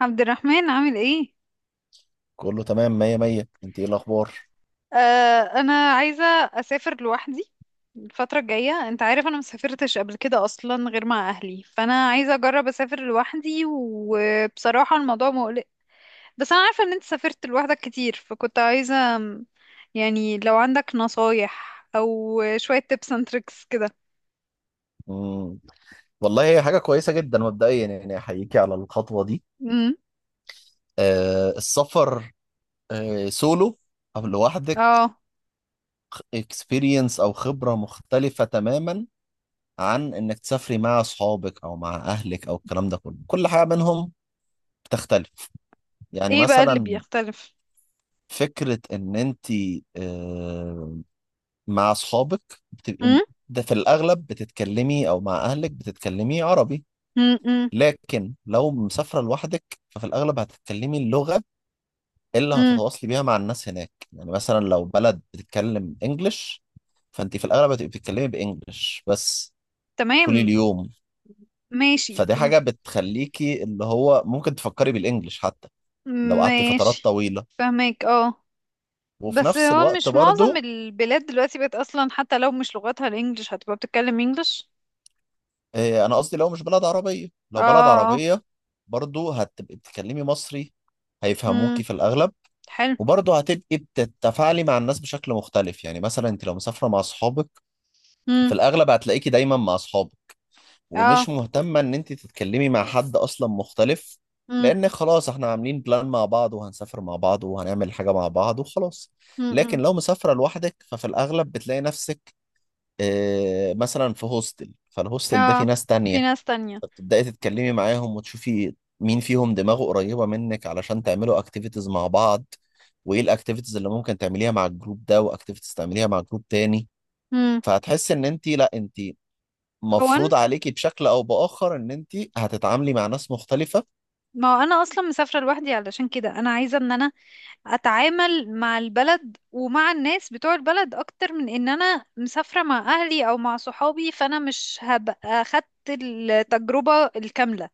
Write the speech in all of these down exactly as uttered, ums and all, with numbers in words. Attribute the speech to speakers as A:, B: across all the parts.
A: عبد الرحمن، عامل ايه؟
B: كله تمام مية مية، انت ايه الاخبار؟
A: آه، انا عايزه اسافر لوحدي الفتره الجايه. انت عارف انا مسافرتش قبل كده اصلا غير مع اهلي، فانا عايزه اجرب اسافر لوحدي، وبصراحه الموضوع مقلق. بس انا عارفه ان انت سافرت لوحدك كتير، فكنت عايزه يعني لو عندك نصايح او شويه tips and tricks كده.
B: مم. والله هي حاجة كويسة جدا، مبدئيا يعني احييكي على الخطوة دي.
A: امم.
B: آه السفر، آه سولو او لوحدك،
A: اه.
B: اكسبيرينس او خبرة مختلفة تماما عن انك تسافري مع اصحابك او مع اهلك او الكلام ده كله. كل حاجة منهم بتختلف. يعني
A: ايه بقى اللي
B: مثلا
A: بيختلف؟
B: فكرة ان انت آه مع اصحابك بتبقي،
A: امم.
B: ده في الاغلب بتتكلمي، او مع اهلك بتتكلمي عربي.
A: امم.
B: لكن لو مسافرة لوحدك ففي الأغلب هتتكلمي اللغة اللي
A: امم.
B: هتتواصلي بيها مع الناس هناك. يعني مثلا لو بلد بتتكلم إنجلش فأنت في الأغلب هتبقي بتتكلمي بإنجلش بس طول
A: تمام.
B: اليوم.
A: ماشي
B: فدي
A: تم-
B: حاجة بتخليكي اللي هو ممكن تفكري بالإنجلش حتى لو قعدتي فترات
A: ماشي.
B: طويلة.
A: فهمك، اه.
B: وفي
A: بس
B: نفس
A: هو
B: الوقت
A: مش معظم
B: برضو،
A: البلاد دلوقتي بقت اصلا حتى لو مش لغتها الانجليش هتبقى بتتكلم انجليش؟
B: آه، أنا قصدي لو مش بلد عربية،
A: اه،
B: لو بلد
A: اه، اه.
B: عربية برضو هتبقي بتتكلمي مصري هيفهموكي
A: امم،
B: في الأغلب.
A: حلو.
B: وبرضه هتبقي بتتفاعلي مع الناس بشكل مختلف. يعني مثلا انت لو مسافره مع اصحابك في
A: امم.
B: الاغلب هتلاقيكي دايما مع اصحابك
A: اه.
B: ومش مهتمه ان انت تتكلمي مع حد اصلا مختلف،
A: امم.
B: لان خلاص احنا عاملين بلان مع بعض وهنسافر مع بعض وهنعمل حاجه مع بعض وخلاص.
A: امم.
B: لكن لو مسافره لوحدك ففي الاغلب بتلاقي نفسك، اه مثلا في هوستل، فالهوستل ده فيه
A: اه،
B: ناس
A: في
B: تانية،
A: ناس تانية.
B: فبتبدأي تتكلمي معاهم وتشوفي مين فيهم دماغه قريبة منك علشان تعملوا اكتيفيتيز مع بعض. وايه الاكتيفيتيز اللي ممكن تعمليها مع الجروب ده، واكتيفيتيز تعمليها مع جروب تاني.
A: امم.
B: فهتحس ان انت، لا انت
A: هو أنا-
B: مفروض عليكي بشكل او باخر ان انت هتتعاملي مع ناس مختلفة.
A: ما هو انا اصلا مسافرة لوحدي، علشان كده انا عايزة ان انا اتعامل مع البلد ومع الناس بتوع البلد اكتر من ان انا مسافرة مع اهلي او مع صحابي، فانا مش هبقى خدت التجربة الكاملة.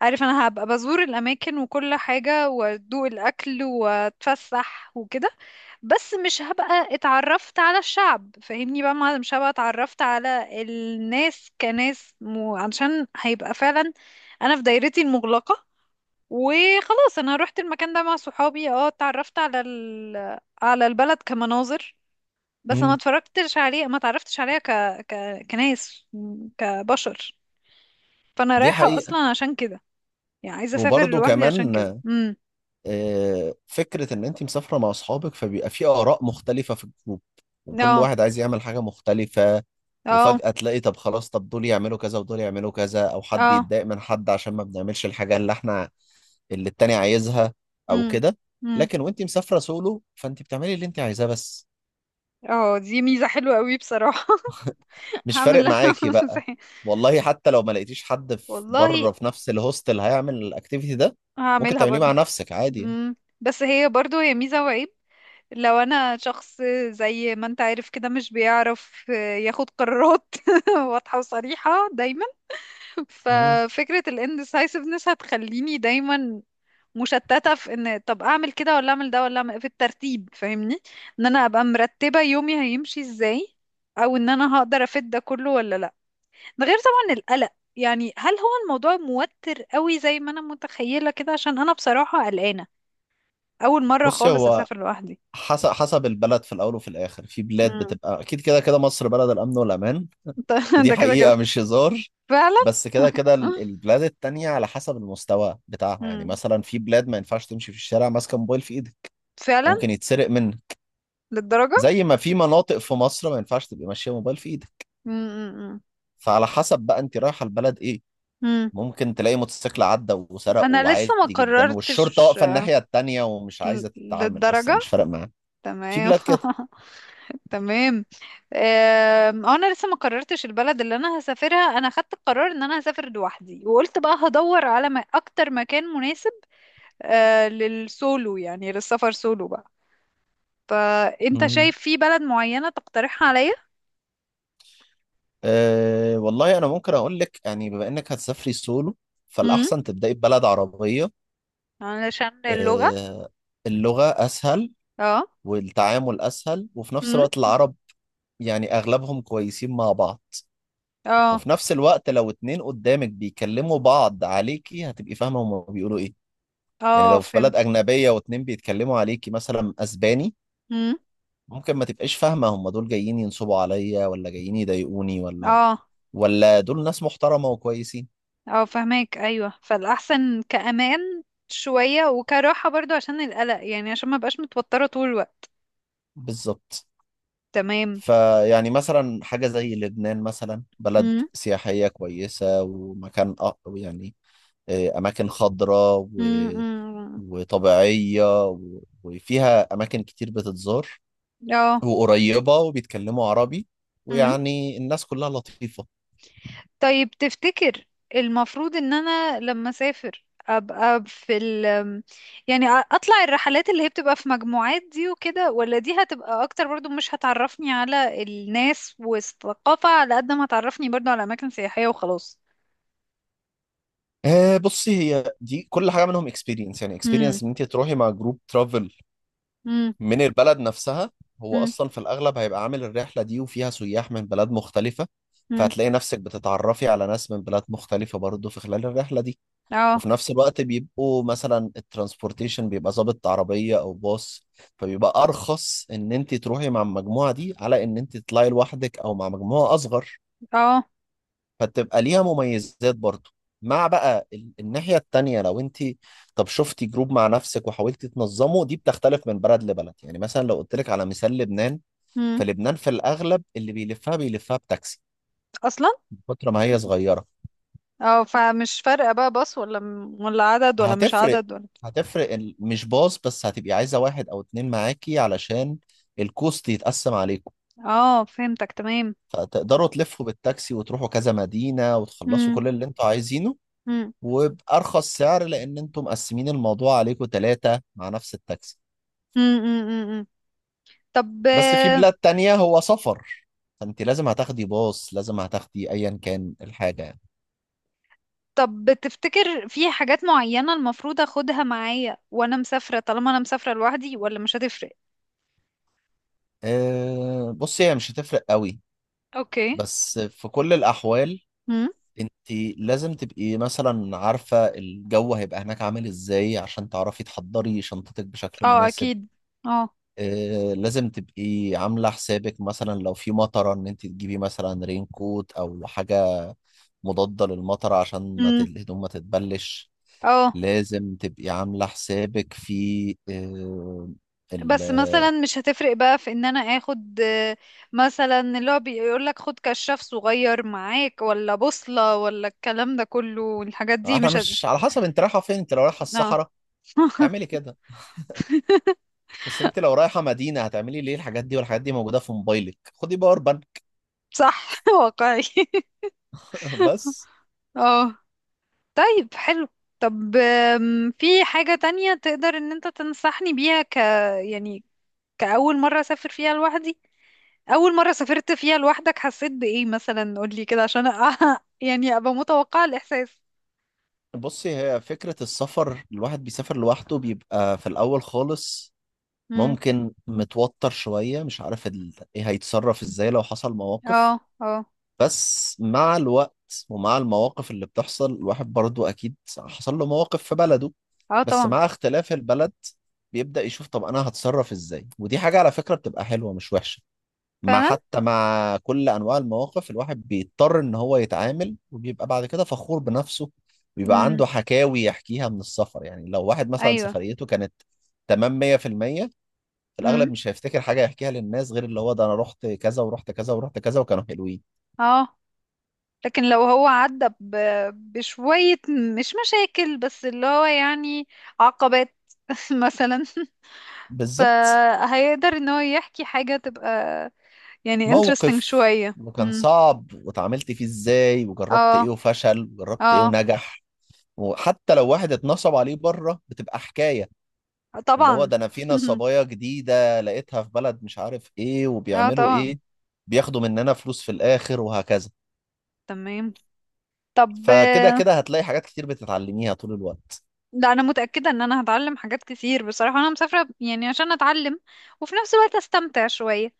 A: عارف، انا هبقى بزور الاماكن وكل حاجة وادوق الاكل واتفسح وكده، بس مش هبقى اتعرفت على الشعب. فاهمني بقى، ما مش هبقى اتعرفت على الناس كناس، مو عشان هيبقى فعلا انا في دايرتي المغلقة وخلاص. انا روحت المكان ده مع صحابي، اه، اتعرفت على ال... على البلد كمناظر، بس ما
B: مم.
A: اتفرجتش عليه، ما اتعرفتش عليها ك... ك... كناس، كبشر. فانا
B: دي
A: رايحة
B: حقيقة.
A: اصلا عشان كده، يعني عايزة اسافر
B: وبرضه
A: لوحدي عشان كده.
B: كمان
A: امم.
B: آه، فكرة إن أنت مسافرة مع أصحابك فبيبقى في آراء مختلفة في الجروب وكل
A: اه،
B: واحد عايز يعمل حاجة مختلفة.
A: اه.
B: وفجأة تلاقي، طب خلاص، طب دول يعملوا كذا ودول يعملوا كذا، أو حد
A: اه.
B: يتضايق من حد عشان ما بنعملش الحاجة اللي إحنا، اللي التاني عايزها، أو
A: امم.
B: كده.
A: امم.
B: لكن وأنت مسافرة سولو فأنت بتعملي اللي أنت عايزاه بس.
A: اه، دي ميزة حلوة قوي بصراحة.
B: مش
A: هعمل
B: فارق
A: اللي انا
B: معاكي بقى.
A: عاوزاه.
B: والله حتى لو ما لقيتيش حد في
A: والله
B: بره في نفس الهوستل هيعمل الأكتيفيتي ده، ممكن
A: هعملها
B: تعمليه
A: برضو.
B: مع نفسك عادي يعني.
A: امم، بس هي برضو هي ميزة وعيب. لو انا شخص زي ما انت عارف كده مش بيعرف ياخد قرارات واضحة وصريحة دايما،
B: مم.
A: ففكرة ال indecisiveness هتخليني دايما مشتتة في ان طب اعمل كده ولا اعمل ده ولا اعمل في الترتيب. فاهمني، ان انا ابقى مرتبة يومي هيمشي ازاي، او ان انا هقدر افيد ده كله ولا لا. ده غير طبعا القلق، يعني هل هو الموضوع موتر قوي زي ما انا متخيلة كده؟ عشان انا بصراحة قلقانة، اول مرة
B: بصي
A: خالص
B: هو
A: اسافر لوحدي.
B: حسب حسب البلد، في الاول وفي الاخر في بلاد
A: امم.
B: بتبقى اكيد كده كده، مصر بلد الامن والامان، ودي
A: ده كده كده.
B: حقيقه مش هزار.
A: فعلا.
B: بس كده كده ال- البلاد التانية على حسب المستوى بتاعها. يعني
A: مم.
B: مثلا في بلاد ما ينفعش تمشي في الشارع ماسكه موبايل في ايدك،
A: فعلا.
B: ممكن يتسرق منك،
A: للدرجة؟
B: زي ما في مناطق في مصر ما ينفعش تبقى ماشيه موبايل في ايدك.
A: مم. مم.
B: فعلى حسب بقى انت رايحه البلد ايه.
A: مم.
B: ممكن تلاقي موتوسيكل عدى وسرقه
A: انا لسه ما
B: وعادي جدا والشرطه
A: قررتش.
B: واقفه الناحيه التانية ومش
A: ل-
B: عايزه تتعامل اصلا،
A: للدرجة؟
B: مش فارق معاها. في
A: تمام.
B: بلاد
A: تمام. آم، آه، انا لسه ما قررتش البلد اللي انا هسافرها. انا خدت القرار ان انا هسافر لوحدي، وقلت بقى هدور على ما اكتر مكان مناسب آه، للسولو، يعني للسفر سولو بقى. فانت
B: كده.
A: شايف في بلد معينة تقترحها عليا؟
B: أه والله انا ممكن اقول لك، يعني بما انك هتسافري سولو
A: امم،
B: فالاحسن تبداي ببلد عربيه.
A: علشان اللغة.
B: أه، اللغه اسهل
A: اه.
B: والتعامل اسهل، وفي نفس
A: امم.
B: الوقت العرب يعني اغلبهم كويسين مع بعض.
A: اه.
B: وفي نفس الوقت لو اتنين قدامك بيكلموا بعض عليكي هتبقي فاهمه هما بيقولوا ايه. يعني
A: اه،
B: لو في بلد
A: فهمت.
B: اجنبيه واتنين بيتكلموا عليكي مثلا اسباني،
A: امم.
B: ممكن ما تبقاش فاهمه هما دول جايين ينصبوا عليا، ولا جايين يضايقوني، ولا
A: اه.
B: ولا دول ناس محترمه وكويسين.
A: اه، فهماك. ايوه، فالاحسن كامان شويه وكراحه برضو عشان القلق، يعني عشان ما بقاش متوتره طول الوقت.
B: بالظبط.
A: تمام.
B: فيعني مثلا حاجة زي لبنان مثلا، بلد
A: امم.
B: سياحية كويسة ومكان أ- يعني، آه، أماكن خضراء و-
A: امم.
B: وطبيعية و- وفيها أماكن كتير بتتزار
A: اه.
B: وقريبة وبيتكلموا عربي،
A: امم.
B: ويعني الناس كلها لطيفة.
A: طيب تفتكر المفروض ان انا لما اسافر ابقى في ال، يعني أ- اطلع الرحلات اللي هي بتبقى في مجموعات دي وكده، ولا دي هتبقى اكتر برضو مش هتعرفني على الناس والثقافه على قد ما هتعرفني برضو على اماكن سياحيه وخلاص؟
B: آه، بصي هي دي كل حاجة منهم اكسبيرينس. يعني
A: امم.
B: اكسبيرينس ان انت تروحي مع جروب ترافل
A: امم.
B: من البلد نفسها، هو اصلا في الاغلب هيبقى عامل الرحله دي وفيها سياح من بلاد مختلفه.
A: امم.
B: فهتلاقي نفسك بتتعرفي على ناس من بلاد مختلفه برضه في خلال الرحله دي.
A: اه.
B: وفي نفس الوقت بيبقوا مثلا الترانسبورتيشن بيبقى ظابط عربيه او باص، فبيبقى ارخص ان انت تروحي مع المجموعه دي على ان انت تطلعي لوحدك او مع مجموعه اصغر.
A: اه.
B: فتبقى ليها مميزات برضو. مع بقى ال- الناحية التانية لو انت، طب شفتي جروب مع نفسك وحاولتي تنظمه، دي بتختلف من بلد لبلد. يعني مثلا لو قلت لك على مثال لبنان،
A: امم،
B: فلبنان في الأغلب اللي بيلفها بيلفها بتاكسي
A: اصلا.
B: من كتر ما هي صغيرة.
A: اه، فمش فارقة بقى باص ولا م- ولا عدد ولا مش
B: هتفرق،
A: عدد ولا.
B: هتفرق ال- مش باص بس، هتبقي عايزة واحد أو اتنين معاكي علشان الكوست يتقسم عليكم.
A: اه، فهمتك. تمام.
B: فتقدروا تلفوا بالتاكسي وتروحوا كذا مدينة وتخلصوا
A: امم.
B: كل اللي انتوا عايزينه،
A: امم.
B: وبأرخص سعر لأن أنتم مقسمين الموضوع عليكم ثلاثة مع نفس التاكسي.
A: امم. امم. أمم. طب.
B: بس في بلاد تانية هو سفر، فأنت لازم هتاخدي باص، لازم هتاخدي أيا كان الحاجة يعني.
A: طب تفتكر في حاجات معينة المفروض اخدها معايا وانا مسافرة، طالما انا مسافرة لوحدي، ولا مش هتفرق؟
B: أه، بصي هي مش هتفرق قوي،
A: اوكي.
B: بس في كل الأحوال
A: امم.
B: أنت لازم تبقي مثلا عارفة الجو هيبقى هناك عامل إزاي عشان تعرفي تحضري شنطتك بشكل
A: اه،
B: مناسب.
A: اكيد. اه.
B: أه لازم تبقي عاملة حسابك مثلا لو في مطرة، إن أنت تجيبي مثلا رين كوت أو حاجة مضادة للمطر عشان ما ت-
A: امم.
B: الهدوم ما تتبلش.
A: اه،
B: لازم تبقي عاملة حسابك في آه، ال
A: بس مثلا مش هتفرق بقى في ان انا اخد آه، مثلا اللي هو بيقول لك خد كشاف صغير معاك ولا بوصلة، ولا الكلام ده كله، والحاجات
B: آه،
A: دي
B: احنا
A: مش هت...
B: مش، على حسب انت رايحة فين. انت لو رايحة
A: اه.
B: الصحراء اعملي كده، بس انت لو رايحة مدينة هتعملي ليه الحاجات دي؟ والحاجات دي موجودة في موبايلك، خدي باور بانك.
A: صح. واقعي.
B: بس
A: اه. طيب حلو. طب آم، في حاجة تانية تقدر ان انت تنصحني بيها ك، يعني كأول مرة اسافر فيها لوحدي؟ اول مرة سافرت فيها لوحدك حسيت بإيه مثلا؟ قولي كده عشان أ- يعني ابقى متوقعة الاحساس.
B: بصي، هي فكرة السفر، الواحد بيسافر لوحده بيبقى في الأول خالص
A: امم.
B: ممكن متوتر شوية، مش عارف ال... ايه هيتصرف ازاي لو حصل مواقف.
A: اه، اه،
B: بس مع الوقت ومع المواقف اللي بتحصل الواحد برضو أكيد حصل له مواقف في بلده،
A: اه،
B: بس
A: طبعا.
B: مع اختلاف البلد بيبدأ يشوف طب أنا هتصرف إزاي. ودي حاجة على فكرة بتبقى حلوة مش وحشة. مع
A: فعلا.
B: حتى مع كل أنواع المواقف الواحد بيضطر إن هو يتعامل، وبيبقى بعد كده فخور بنفسه. بيبقى
A: امم.
B: عنده حكاوي يحكيها من السفر. يعني لو واحد مثلا
A: ايوه.
B: سفريته كانت تمام مية في المية في المية، في الأغلب
A: امم.
B: مش هيفتكر حاجة يحكيها للناس غير اللي هو ده أنا رحت كذا ورحت كذا ورحت كذا وكانوا حلوين.
A: اه، لكن لو هو عدى ب... بشوية مش مشاكل، بس اللي هو يعني عقبات، مثلا،
B: بالظبط.
A: فهيقدر ان هو يحكي حاجة تبقى يعني interesting
B: موقف
A: شوية.
B: كان
A: امم.
B: صعب واتعاملت فيه ازاي، وجربت ايه
A: اه.
B: وفشل وجربت ايه
A: اه،
B: ونجح. وحتى لو واحد اتنصب عليه بره بتبقى حكاية، اللي هو
A: طبعا.
B: ده انا في نصبايا جديدة لقيتها في بلد، مش عارف ايه
A: اه،
B: وبيعملوا
A: طبعا.
B: ايه، بياخدوا مننا فلوس في الاخر وهكذا.
A: تمام. طب.
B: فكده كده هتلاقي حاجات كتير بتتعلميها طول الوقت.
A: لا، انا متأكدة ان انا هتعلم حاجات كتير بصراحة. انا مسافرة يعني عشان اتعلم، وفي نفس الوقت استمتع شوية.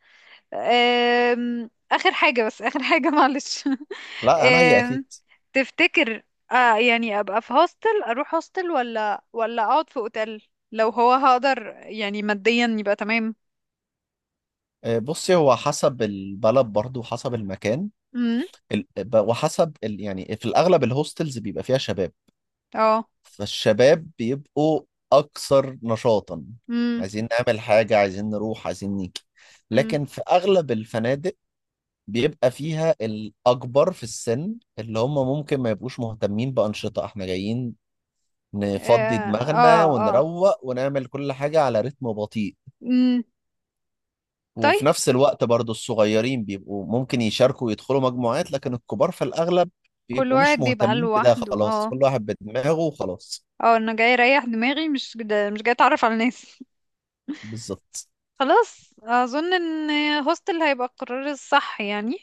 A: أم، آخر حاجة، بس آخر حاجة، معلش.
B: لا انا هي
A: أم،
B: اكيد.
A: تفتكر آه يعني أبقى في هوستل، أروح هوستل، ولا ولا أقعد في أوتيل لو هو هقدر يعني ماديا يبقى تمام؟
B: آه، بصي هو حسب البلد برضو وحسب المكان
A: امم.
B: ال- ب- وحسب ال... يعني، في الاغلب الهوستلز بيبقى فيها شباب،
A: اه.
B: فالشباب بيبقوا أكثر نشاطا،
A: امم.
B: عايزين نعمل حاجة، عايزين نروح، عايزين نيجي.
A: امم.
B: لكن في أغلب الفنادق بيبقى فيها الأكبر في السن اللي هم ممكن ما يبقوش مهتمين بأنشطة، احنا جايين نفضي
A: اه. اه.
B: دماغنا
A: آه.
B: ونروق ونعمل كل حاجة على رتم بطيء.
A: امم.
B: وفي
A: طيب.
B: نفس الوقت برضو الصغيرين بيبقوا ممكن يشاركوا ويدخلوا مجموعات، لكن الكبار في الأغلب
A: كل
B: بيبقوا
A: واحد
B: مش
A: بيبقى
B: مهتمين بده،
A: لوحده،
B: خلاص
A: اه.
B: كل واحد بدماغه وخلاص.
A: اه، انا جاي اريح دماغي، مش جد- مش جاي اتعرف على الناس.
B: بالظبط.
A: خلاص، اظن ان هوستل هيبقى القرار الصح يعني.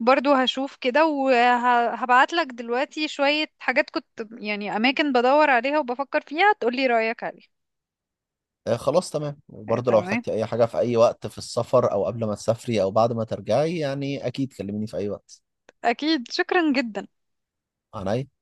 A: برضو هشوف كده وهبعت لك دلوقتي شوية حاجات كنت يعني اماكن بدور عليها وبفكر فيها، تقولي رأيك عليها.
B: آه، خلاص تمام.
A: آه،
B: وبرضه لو
A: تمام.
B: احتجتي اي حاجة في اي وقت في السفر او قبل ما تسافري او بعد ما ترجعي يعني اكيد كلميني في اي وقت.
A: اكيد، شكرا جدا.
B: عنيا.